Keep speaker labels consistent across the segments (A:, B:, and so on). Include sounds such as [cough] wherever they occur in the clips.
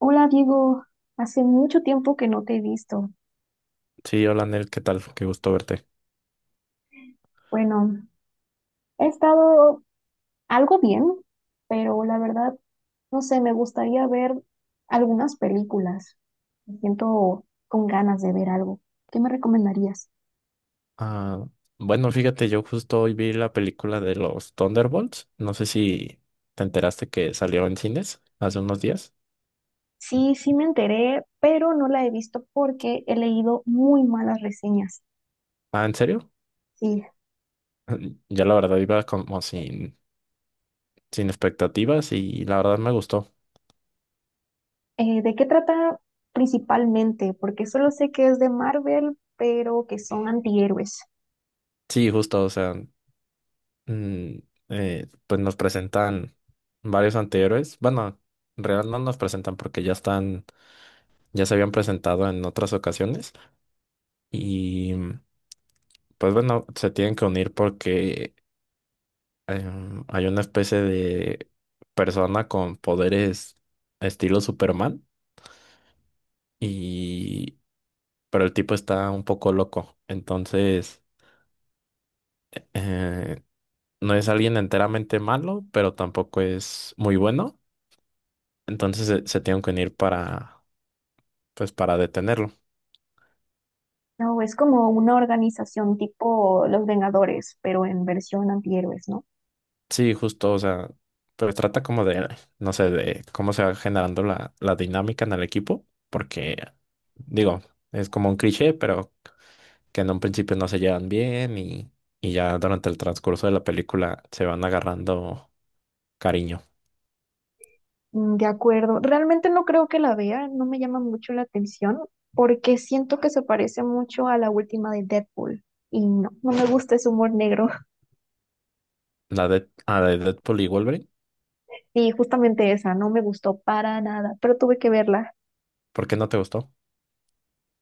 A: Hola Diego, hace mucho tiempo que no te he visto.
B: Sí, hola Nel, ¿qué tal? Qué gusto verte.
A: Bueno, he estado algo bien, pero la verdad, no sé, me gustaría ver algunas películas. Me siento con ganas de ver algo. ¿Qué me recomendarías?
B: Ah, bueno, fíjate, yo justo hoy vi la película de los Thunderbolts. No sé si te enteraste que salió en cines hace unos días.
A: Sí, sí me enteré, pero no la he visto porque he leído muy malas reseñas.
B: Ah, ¿en serio?
A: Sí.
B: [laughs] Ya la verdad iba como sin expectativas y la verdad me gustó.
A: ¿De qué trata principalmente? Porque solo sé que es de Marvel, pero que son antihéroes.
B: Sí, justo, o sea, mm, pues nos presentan varios antihéroes. Bueno, en realidad no nos presentan porque ya están, ya se habían presentado en otras ocasiones. Y pues bueno, se tienen que unir porque hay una especie de persona con poderes estilo Superman. Y pero el tipo está un poco loco. Entonces, eh, no es alguien enteramente malo, pero tampoco es muy bueno. Entonces se tienen que unir para pues para detenerlo.
A: No, es como una organización tipo Los Vengadores, pero en versión antihéroes, ¿no?
B: Sí, justo, o sea, pues trata como no sé, de cómo se va generando la dinámica en el equipo, porque, digo, es como un cliché, pero que en un principio no se llevan bien y ya durante el transcurso de la película se van agarrando cariño.
A: Mm, de acuerdo. Realmente no creo que la vea, no me llama mucho la atención, porque siento que se parece mucho a la última de Deadpool. Y no, no me gusta ese humor negro. [laughs]
B: La de Deadpool y Wolverine,
A: Y justamente esa, no me gustó para nada, pero tuve que verla.
B: ¿por qué no te gustó?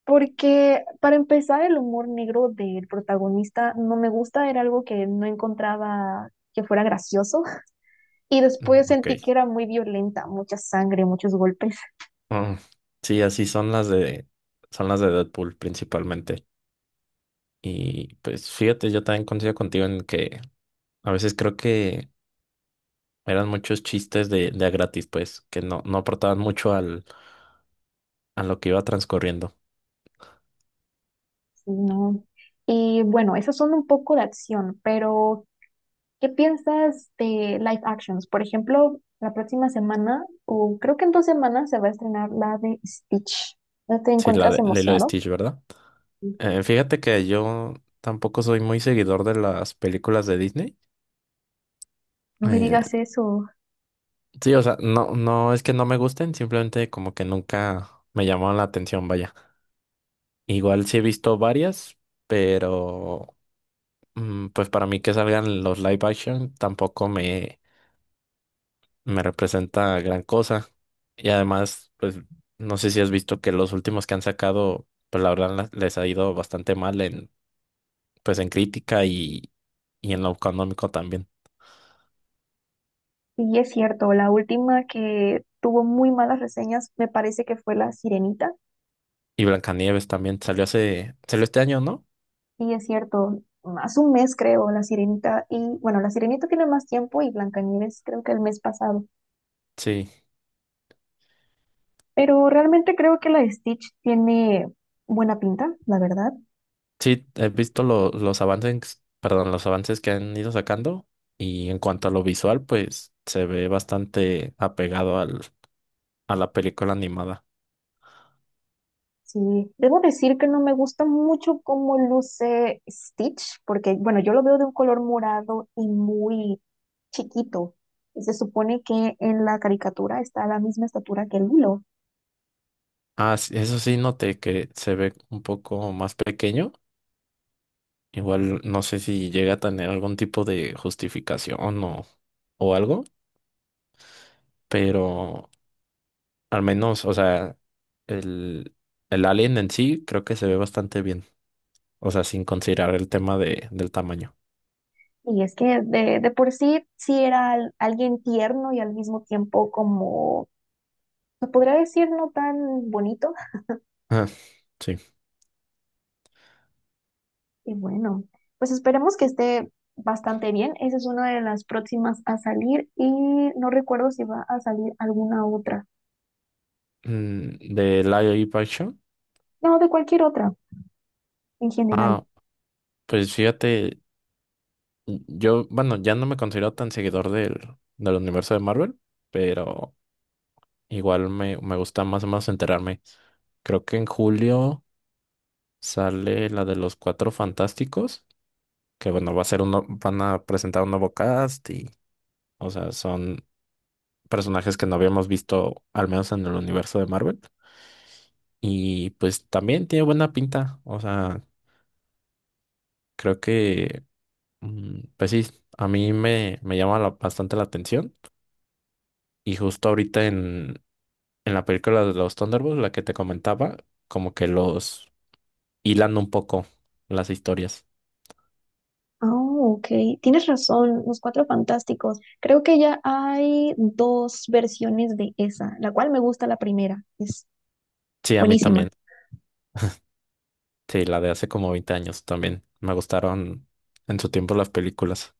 A: Porque para empezar, el humor negro del protagonista no me gusta, era algo que no encontraba que fuera gracioso. [laughs] Y
B: Mm,
A: después
B: ok.
A: sentí que era muy violenta, mucha sangre, muchos golpes.
B: Mm, sí, así son las son las de Deadpool principalmente. Y pues fíjate, yo también coincido contigo en que a veces creo que eran muchos chistes de a gratis, pues, que no aportaban mucho al, a lo que iba transcurriendo.
A: Sí, no. Y bueno, esas son un poco de acción, pero ¿qué piensas de live actions? Por ejemplo, la próxima semana, o creo que en dos semanas, se va a estrenar la de Stitch. ¿No te
B: Sí, la
A: encuentras
B: de Lilo y
A: emocionado?
B: Stitch, ¿verdad?
A: Sí.
B: Fíjate que yo tampoco soy muy seguidor de las películas de Disney.
A: No me
B: Eh,
A: digas eso.
B: sí, o sea, no, no es que no me gusten, simplemente como que nunca me llamaron la atención, vaya. Igual sí he visto varias, pero pues para mí que salgan los live action tampoco me representa gran cosa. Y además, pues no sé si has visto que los últimos que han sacado, pues la verdad les ha ido bastante mal en, pues en crítica y en lo económico también.
A: Y es cierto, la última que tuvo muy malas reseñas me parece que fue La Sirenita.
B: Y Blancanieves también salió hace, salió este año, ¿no?
A: Y es cierto, hace un mes creo, La Sirenita, y bueno, La Sirenita tiene más tiempo y Blancanieves creo que el mes pasado.
B: Sí,
A: Pero realmente creo que la de Stitch tiene buena pinta, la verdad.
B: sí, he visto los avances, perdón, los avances que han ido sacando. Y en cuanto a lo visual, pues se ve bastante apegado al, a la película animada.
A: Sí, debo decir que no me gusta mucho cómo luce Stitch, porque, bueno, yo lo veo de un color morado y muy chiquito. Y se supone que en la caricatura está a la misma estatura que el Lilo.
B: Ah, sí, eso sí noté que se ve un poco más pequeño. Igual no sé si llega a tener algún tipo de justificación o algo, pero al menos, o sea, el, el alien en sí creo que se ve bastante bien. O sea, sin considerar el tema de, del tamaño.
A: Y es que de por sí, sí era alguien tierno y al mismo tiempo como, se podría decir, no tan bonito.
B: Ah, sí.
A: Y bueno, pues esperemos que esté bastante bien. Esa es una de las próximas a salir y no recuerdo si va a salir alguna otra.
B: Mm, de live action.
A: No, de cualquier otra en general.
B: Ah, pues fíjate, yo, bueno, ya no me considero tan seguidor del universo de Marvel, pero igual me gusta más o menos enterarme. Creo que en julio. Sale la de los Cuatro Fantásticos, que bueno, va a ser uno, van a presentar un nuevo cast o sea, son personajes que no habíamos visto, al menos en el universo de Marvel. Y pues también tiene buena pinta, o sea, creo que, pues sí, a mí me llama bastante la atención. Y justo ahorita en la película de los Thunderbolts, la que te comentaba, como que los hilan un poco las historias.
A: Ah, ok. Tienes razón, Los Cuatro Fantásticos. Creo que ya hay dos versiones de esa, la cual me gusta la primera. Es
B: Sí, a mí
A: buenísima.
B: también. Sí, la de hace como 20 años también. Me gustaron en su tiempo las películas.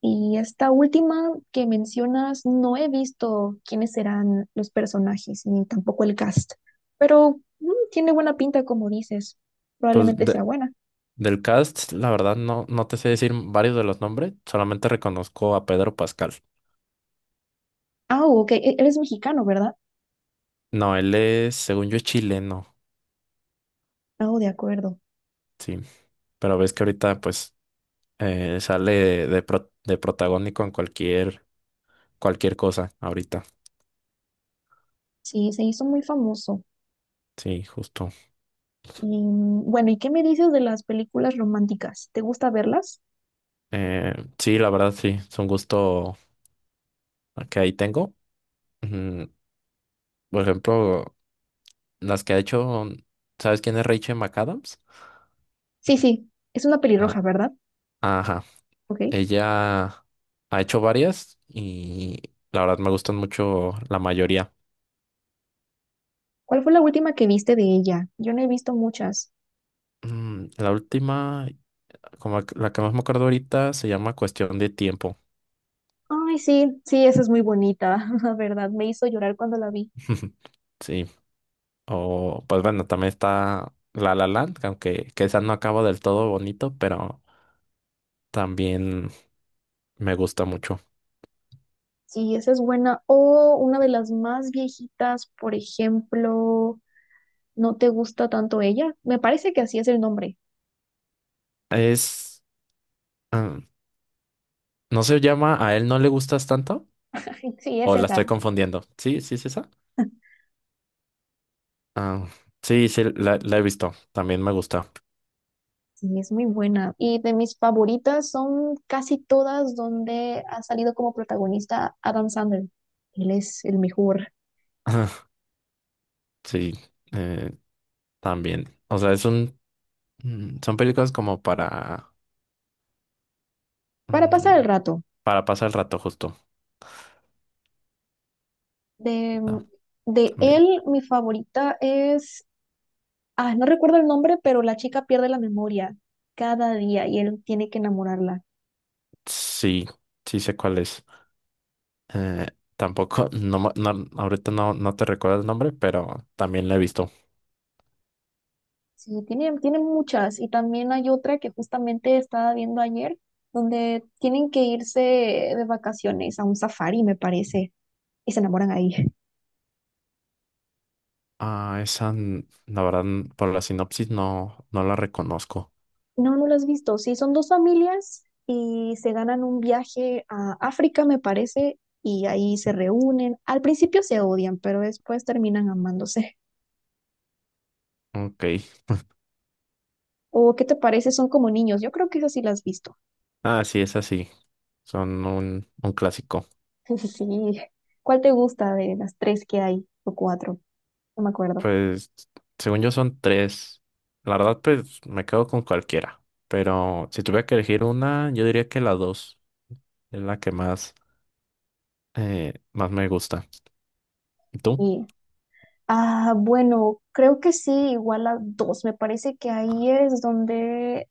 A: Y esta última que mencionas, no he visto quiénes serán los personajes, ni tampoco el cast, pero tiene buena pinta, como dices.
B: Pues
A: Probablemente sea buena.
B: del cast, la verdad, no te sé decir varios de los nombres, solamente reconozco a Pedro Pascal.
A: Ah, ok, eres mexicano, ¿verdad?
B: No, él es, según yo, es chileno,
A: Ah, de acuerdo.
B: sí. Pero ves que ahorita, pues, sale de protagónico en cualquier cosa, ahorita.
A: Sí, se hizo muy famoso.
B: Sí, justo.
A: Bueno, ¿y qué me dices de las películas románticas? ¿Te gusta verlas?
B: Eh, sí, la verdad, sí, es un gusto que ahí tengo. Ujú. Por ejemplo, las que ha hecho, ¿sabes quién es Rachel McAdams?
A: Sí, sí, es una
B: Ah,
A: pelirroja, ¿verdad?
B: ajá.
A: Ok.
B: Ella ha hecho varias y la verdad me gustan mucho la mayoría.
A: ¿Cuál fue la última que viste de ella? Yo no he visto muchas.
B: La última, como la que más me acuerdo ahorita, se llama Cuestión de Tiempo.
A: Ay, sí, sí, esa es muy bonita, [laughs] la verdad. Me hizo llorar cuando la vi.
B: [laughs] Sí. O, pues bueno, también está La La Land, que aunque que esa no acaba del todo bonito, pero también me gusta mucho.
A: Sí, esa es buena. O una de las más viejitas, por ejemplo, ¿no te gusta tanto ella? Me parece que así es el nombre.
B: Es, ah, ¿no se llama A él no le gustas tanto?
A: [laughs] Sí, es
B: ¿O la
A: esa.
B: estoy confundiendo? Sí, sí, sí, ah, sí, sí, la he visto. También me gusta.
A: Sí, es muy buena. Y de mis favoritas son casi todas donde ha salido como protagonista Adam Sandler. Él es el mejor.
B: [laughs] Ajá, sí, eh, también. O sea, es un, son películas como para,
A: Para
B: mm,
A: pasar el rato,
B: para pasar el rato justo.
A: de,
B: Ah,
A: de
B: también.
A: él mi favorita es, ah, no recuerdo el nombre, pero la chica pierde la memoria cada día y él tiene que enamorarla.
B: Sí, sí sé cuál es. Eh, tampoco, [laughs] no, no, ahorita no te recuerdo el nombre, pero también la he visto.
A: Sí, tienen muchas y también hay otra que justamente estaba viendo ayer, donde tienen que irse de vacaciones a un safari, me parece, y se enamoran ahí.
B: Ah, esa, la verdad, por la sinopsis no la reconozco.
A: No, no lo has visto. Sí, son dos familias y se ganan un viaje a África, me parece, y ahí se reúnen. Al principio se odian, pero después terminan amándose.
B: Ok.
A: ¿O qué te parece? Son como niños. Yo creo que esas sí las has visto.
B: Ah, sí, es así. Son un clásico.
A: [laughs] Sí. ¿Cuál te gusta de las tres que hay o cuatro? No me acuerdo.
B: Pues, según yo son tres. La verdad, pues me quedo con cualquiera. Pero si tuviera que elegir una, yo diría que la dos es la que más, más me gusta. ¿Y tú?
A: Y ah, bueno, creo que sí, igual a dos. Me parece que ahí es donde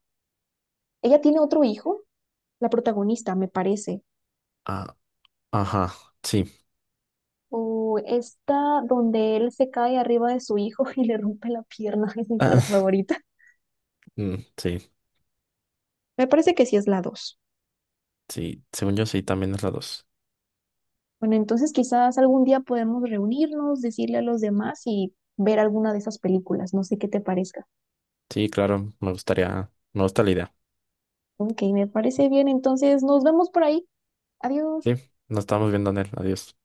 A: ella tiene otro hijo, la protagonista, me parece.
B: Ah, ajá, sí. [laughs]
A: O esta donde él se cae arriba de su hijo [laughs] y le rompe la pierna, [laughs] es mi parte
B: Ah,
A: favorita.
B: sí,
A: Me parece que sí es la dos.
B: sí. Según yo sí, también es la dos.
A: Bueno, entonces quizás algún día podemos reunirnos, decirle a los demás y ver alguna de esas películas. No sé qué te parezca.
B: Sí, claro, me gustaría, me gusta la idea.
A: Ok, me parece bien. Entonces nos vemos por ahí. Adiós.
B: Sí, nos estamos viendo, él. Adiós.